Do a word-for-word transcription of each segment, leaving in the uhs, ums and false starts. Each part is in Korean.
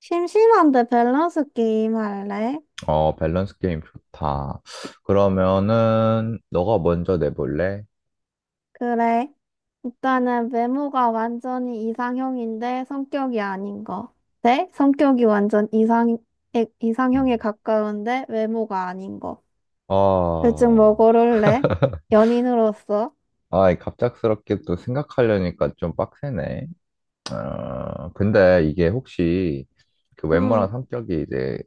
심심한데 밸런스 게임 할래? 어, 밸런스 게임 좋다. 그러면은, 너가 먼저 내볼래? 그래. 일단은 외모가 완전히 이상형인데 성격이 아닌 거. 네? 성격이 완전 이상, 에- 이상형에 음. 가까운데 외모가 아닌 거. 둘중 뭐 아, 고를래? 연인으로서? 아, 갑작스럽게 또 생각하려니까 좀 빡세네. 어, 근데 이게 혹시 그 외모랑 음, 성격이 이제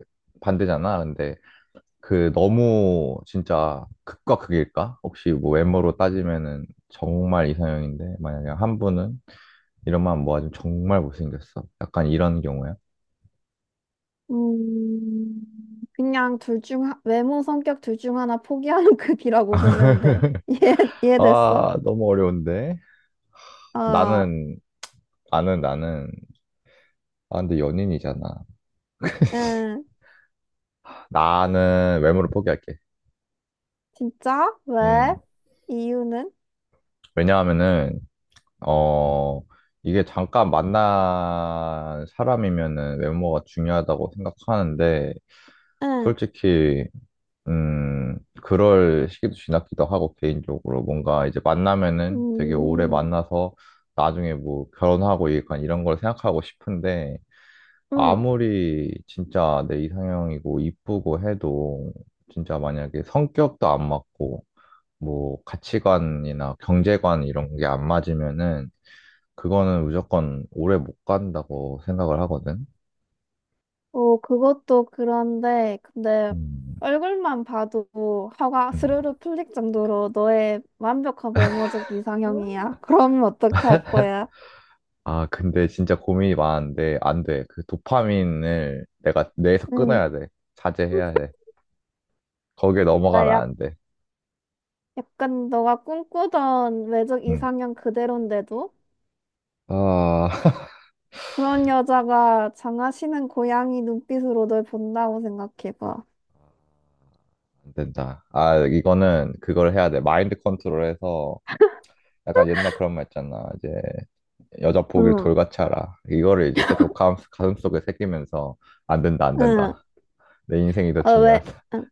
반대잖아. 근데 그 너무 진짜 극과 극일까? 혹시 뭐 외모로 따지면은 정말 이상형인데, 만약에 한 분은 이런만 모아주면 정말 못생겼어. 약간 이런 경우야. 음, 그냥 둘 중, 하- 외모, 성격 둘 중 하나 포기하는 급이라고 보면 돼. 이해, 이해됐어? 아, 너무 어려운데. 어, 나는, 나는, 나는, 아, 근데 연인이잖아. 응. 나는 외모를 포기할게. 진짜? 왜? 음. 이유는? 왜냐하면은, 어, 이게 잠깐 만난 사람이면은 외모가 중요하다고 생각하는데, 응. 솔직히, 음, 그럴 시기도 지났기도 하고, 개인적으로. 뭔가 이제 만나면은 되게 오래 음, 만나서 나중에 뭐 결혼하고 약간 이런 걸 생각하고 싶은데, 응. 아무리 진짜 내 이상형이고 이쁘고 해도 진짜 만약에 성격도 안 맞고 뭐 가치관이나 경제관 이런 게 안 맞으면은 그거는 무조건 오래 못 간다고 생각을 하거든. 어, 그것도 그런데, 근데 음, 얼굴만 봐도 화가 음. 스르르 풀릴 정도로 너의 완벽한 외모적 음. 이상형이야. 그러면 어떻게 할 거야? 아, 근데 진짜 고민이 많은데 안 돼. 그 도파민을 내가 뇌에서 응. 끊어야 돼. 자제해야 돼. 거기에 아, 넘어가면 약, 안 돼. 약간 너가 꿈꾸던 외적 음. 이상형 그대로인데도 아, 그런 여자가 장하시는 고양이 눈빛으로 널 본다고 생각해봐. 안 된다. 아, 이거는 그걸 해야 돼. 마인드 컨트롤해서 약간 옛날 그런 말 있잖아. 이제 여자 보길 응, 돌같이 알아. 이거를 이제 계속 가슴, 가슴속에 새기면서 안 된다, 안 응. 된다. 내 인생이 더 어, 왜? 중요하다. 응.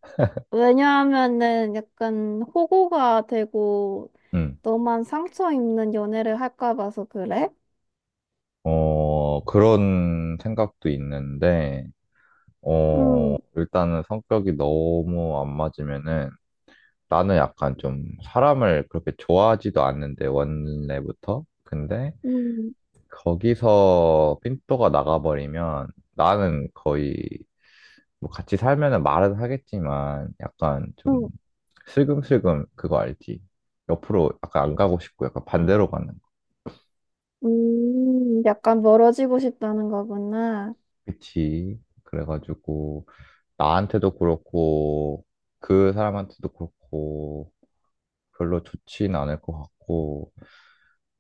왜냐하면은 약간 호구가 되고 음. 너만 상처 입는 연애를 할까 봐서 그래? 어, 그런 생각도 있는데, 어, 음, 일단은 성격이 너무 안 맞으면은 나는 약간 좀 사람을 그렇게 좋아하지도 않는데, 원래부터. 근데 음, 거기서 핀도가 나가버리면 나는 거의 뭐 같이 살면은 말은 하겠지만 약간 좀 음, 슬금슬금 그거 알지? 옆으로 약간 안 가고 싶고 약간 반대로 가는 거. 음, 약간 멀어지고 싶다는 거구나. 그치? 그래가지고 나한테도 그렇고 그 사람한테도 그렇고 별로 좋진 않을 것 같고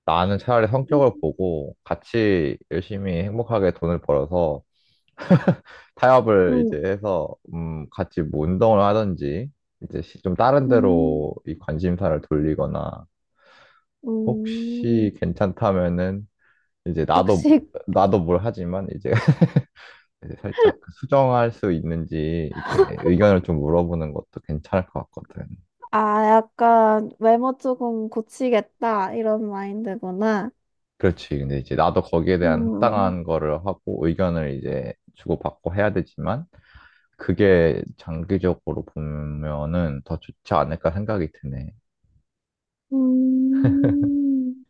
나는 차라리 음, 성격을 보고 같이 열심히 행복하게 돈을 벌어서 타협을 음, 이제 해서 음 같이 뭐 운동을 하든지 이제 시- 좀 다른 음, 데로 이 관심사를 돌리거나 음. 혹시 괜찮다면은 이제 나도 혹시, 나도 뭘 하지만 이제 이제 살짝 그 수정할 수 있는지 이제 의견을 좀 물어보는 것도 괜찮을 것 같거든. 아, 약간 외모 조금 고치겠다, 이런 마인드구나. 그렇지. 근데 이제 나도 거기에 대한 음, 합당한 거를 하고 의견을 이제 주고받고 해야 되지만 그게 장기적으로 보면은 더 좋지 않을까 생각이 드네. 음,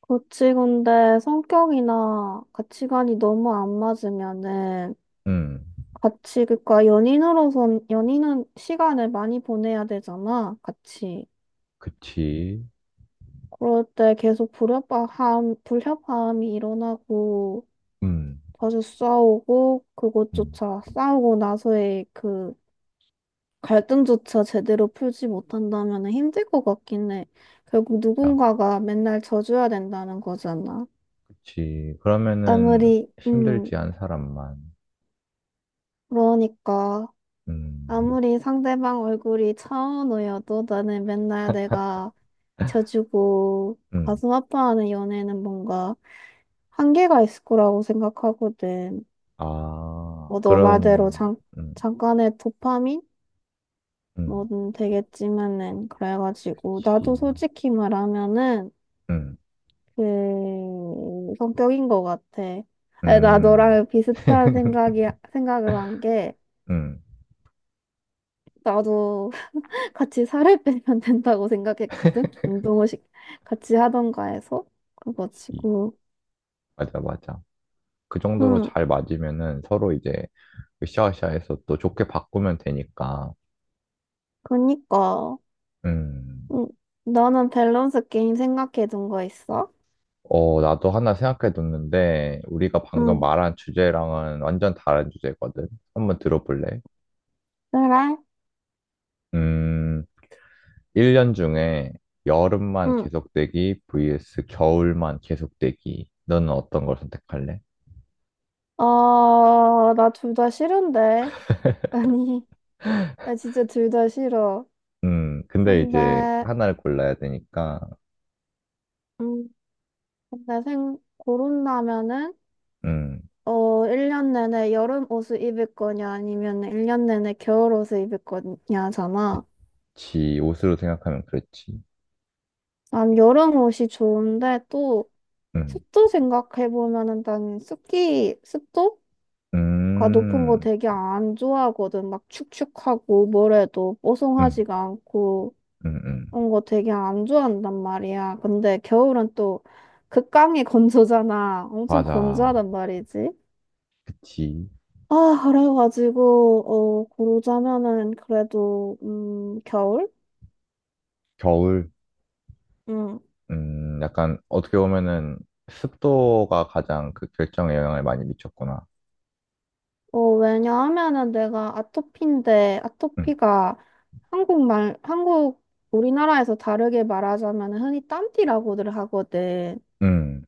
고치건데 성격이나 가치관이 너무 안 맞으면은 음, 같이, 그니까 연인으로선, 연인은 시간을 많이 보내야 되잖아, 같이. 그치. 그럴 때 계속 불협화음, 불협화음이 일어나고, 음, 자주 싸우고, 음, 그것조차 싸우고 나서의 그 갈등조차 제대로 풀지 못한다면 힘들 것 같긴 해. 결국 자, 누군가가 맨날 져줘야 된다는 거잖아. 그치. 그러면은 아무리, 음, 힘들지 않은 사람만. 그러니까. 음, 아무리 상대방 얼굴이 차은우여도 나는 맨날 내가 져주고 음. 가슴 아파하는 연애는 뭔가 한계가 있을 거라고 생각하거든. 아, 뭐 너 말대로 그럼, 잠, 음, 잠깐의 도파민? 음, 뭐든 되겠지만은 그래가지고 나도 지, 솔직히 말하면은 음, 그 성격인 것 같아. 아니, 나 음, 너랑 비슷한 생각이 생각을 한 게 음. 나도 같이 살을 빼면 된다고 생각했거든. 운동을 시- 같이 하던가 해서 지. 그래가지고 맞아, 맞아. 그 정도로 응. 잘 맞으면은 서로 이제 으쌰으쌰해서 또 좋게 바꾸면 되니까. 그니까. 음. 응. 너는 밸런스 게임 생각해둔 거 있어? 어, 나도 하나 생각해뒀는데 우리가 방금 응. 말한 주제랑은 완전 다른 주제거든. 한번 들어볼래? 그래? 음, 일 년 중에 여름만 응. 계속되기 vs 겨울만 계속되기. 너는 어떤 걸 선택할래? 어, 나 둘 다 싫은데 아니, 나 진짜 둘 다 싫어. 음, 근데 이제 근데 하나를 골라야 되니까, 음 근데 생 고른다면은 음, 어, 일 년 내내 여름 옷을 입을 거냐, 아니면 일 년 내내 겨울 옷을 입을 거냐잖아. 지 옷으로 생각하면 그렇지. 난 여름 옷이 좋은데 또 음, 습도 생각해보면은 난 습기, 습도가 높은 거 음, 되게 안 좋아하거든. 막 축축하고 뭐래도 음, 뽀송하지가 않고 음, 음. 그런 거 되게 안 좋아한단 말이야. 근데 겨울은 또 극강의 건조잖아. 엄청 맞아. 건조하단 말이지. 그치. 아, 그래가지고, 어, 고르자면은 그래도, 음, 겨울? 겨울, 응. 음, 약간 어떻게 보면은 습도가 가장 그 결정에 영향을 많이 미쳤구나. 어, 왜냐하면은 내가 아토피인데, 음, 아토피가 한국말, 한국, 우리나라에서 다르게 말하자면 흔히 땀띠라고들 하거든. 음.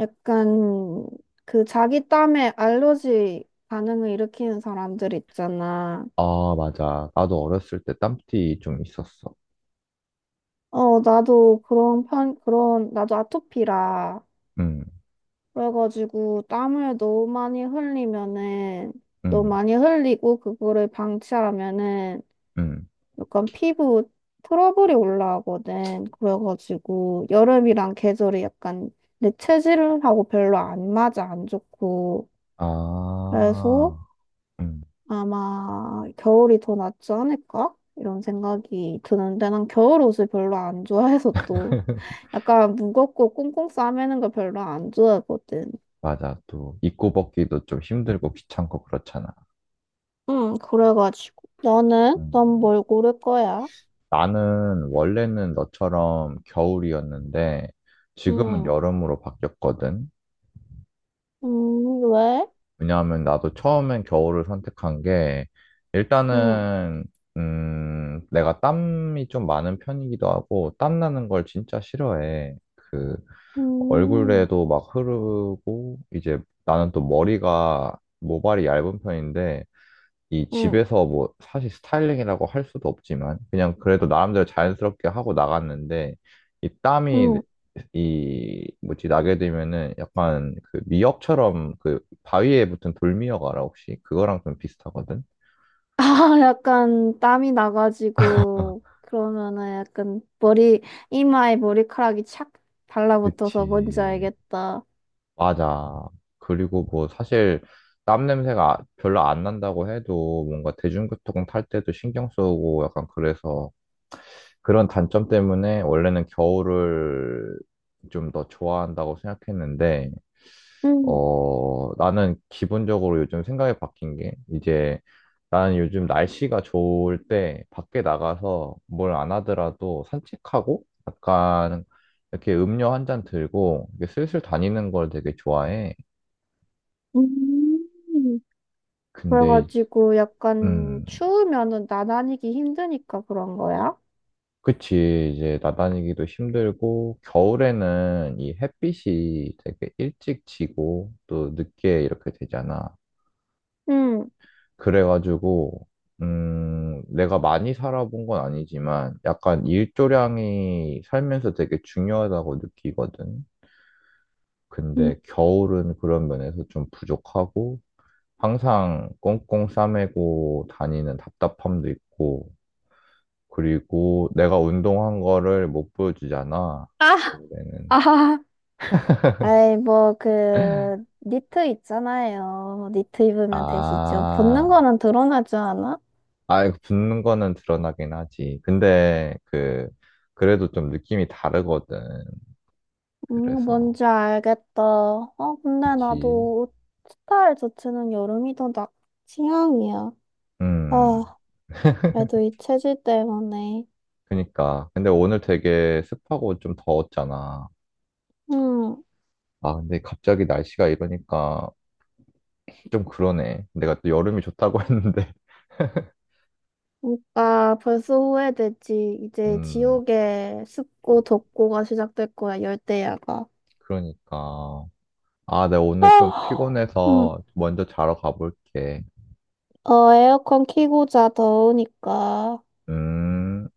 약간 그 자기 땀에 알러지 반응을 일으키는 사람들 있잖아. 아, 맞아. 나도 어렸을 때 땀띠 좀 있었어. 어, 나도 그런 편, 그런, 나도 아토피라. 음, 그래가지고 땀을 너무 많이 흘리면은, 너무 음, 많이 흘리고 그거를 방치하면은 음. 약간 피부 트러블이 올라오거든. 그래가지고 여름이랑 계절이 약간 내 체질하고 별로 안 맞아, 안 좋고. 그래서 아, 음. 아마 겨울이 더 낫지 않을까? 이런 생각이 드는데 난 겨울 옷을 별로 안 좋아해서 또 약간 무겁고 꽁꽁 싸매는 걸 별로 안 좋아하거든. 맞아. 또 입고 벗기도 좀 힘들고 귀찮고 그렇잖아. 응, 그래가지고 너는? 음, 넌 뭘 고를 거야? 나는 원래는 너처럼 겨울이었는데 지금은 응. 여름으로 바뀌었거든. 음. 왜? 왜냐하면 나도 처음엔 겨울을 선택한 게 응. 일단은 음, 내가 땀이 좀 많은 편이기도 하고 땀 나는 걸 진짜 싫어해. 그 음. 얼굴에도 막 흐르고 이제 나는 또 머리가 모발이 얇은 편인데 이 응. 집에서 뭐 사실 스타일링이라고 할 수도 없지만 그냥 그래도 나름대로 자연스럽게 하고 나갔는데 이 땀이 응. 이 뭐지 나게 되면은 약간 그 미역처럼 그 바위에 붙은 돌미역 알아 혹시? 그거랑 좀 비슷하거든. 아, 약간 땀이 나가지고 그러면은 약간 머리 이마에 머리카락이 착 달라붙어서 뭔지 그치. 알겠다. 맞아. 그리고 뭐 사실 땀 냄새가 별로 안 난다고 해도 뭔가 대중교통 탈 때도 신경 쓰고 약간 그래서 그런 단점 때문에 원래는 겨울을 좀 더 좋아한다고 생각했는데, 음, 어, 나는 기본적으로 요즘 생각이 바뀐 게, 이제 나는 요즘 날씨가 좋을 때 밖에 나가서 뭘 안 하더라도 산책하고 약간 이렇게 음료 한 잔 들고 이렇게 슬슬 다니는 걸 되게 좋아해. 음. 근데, 이- 그래가지고 약간 음, 추우면은 나다니기 힘드니까 그런 거야? 그치, 이제 나다니기도 힘들고, 겨울에는 이 햇빛이 되게 일찍 지고, 또 늦게 이렇게 되잖아. 응. 그래가지고, 음, 내가 많이 살아본 건 아니지만, 약간 일조량이 살면서 되게 중요하다고 느끼거든. 음. 근데 겨울은 그런 면에서 좀 부족하고, 항상 꽁꽁 싸매고 다니는 답답함도 있고, 그리고 내가 운동한 거를 못 보여주잖아. 아, 아. 아이 뭐 그 니트 있잖아요. 니트 입으면 되시죠. 붙는 아, 거는 드러나지 않아? 아, 이거 붙는 거는 드러나긴 하지. 근데, 그, 그래도 좀 느낌이 다르거든. 음, 그래서. 뭔지 알겠다. 어, 근데 그치. 나도 스타일 자체는 여름이 더 나, 취향이야. 음, 아, 그래도 이 체질 때문에. 그니까. 근데 오늘 되게 습하고 좀 더웠잖아. 음, 아, 근데 갑자기 날씨가 이러니까 좀 그러네. 내가 또 여름이 좋다고 했는데. 그러니까 벌써 후회되지. 이제 음, 지옥의 습고 덥고가 시작될 거야, 열대야가. 그러니까. 아, 내가 오늘 좀 아, 음, 피곤해서 먼저 자러 가볼게. 어, 에어컨 켜고 자, 더우니까. 음.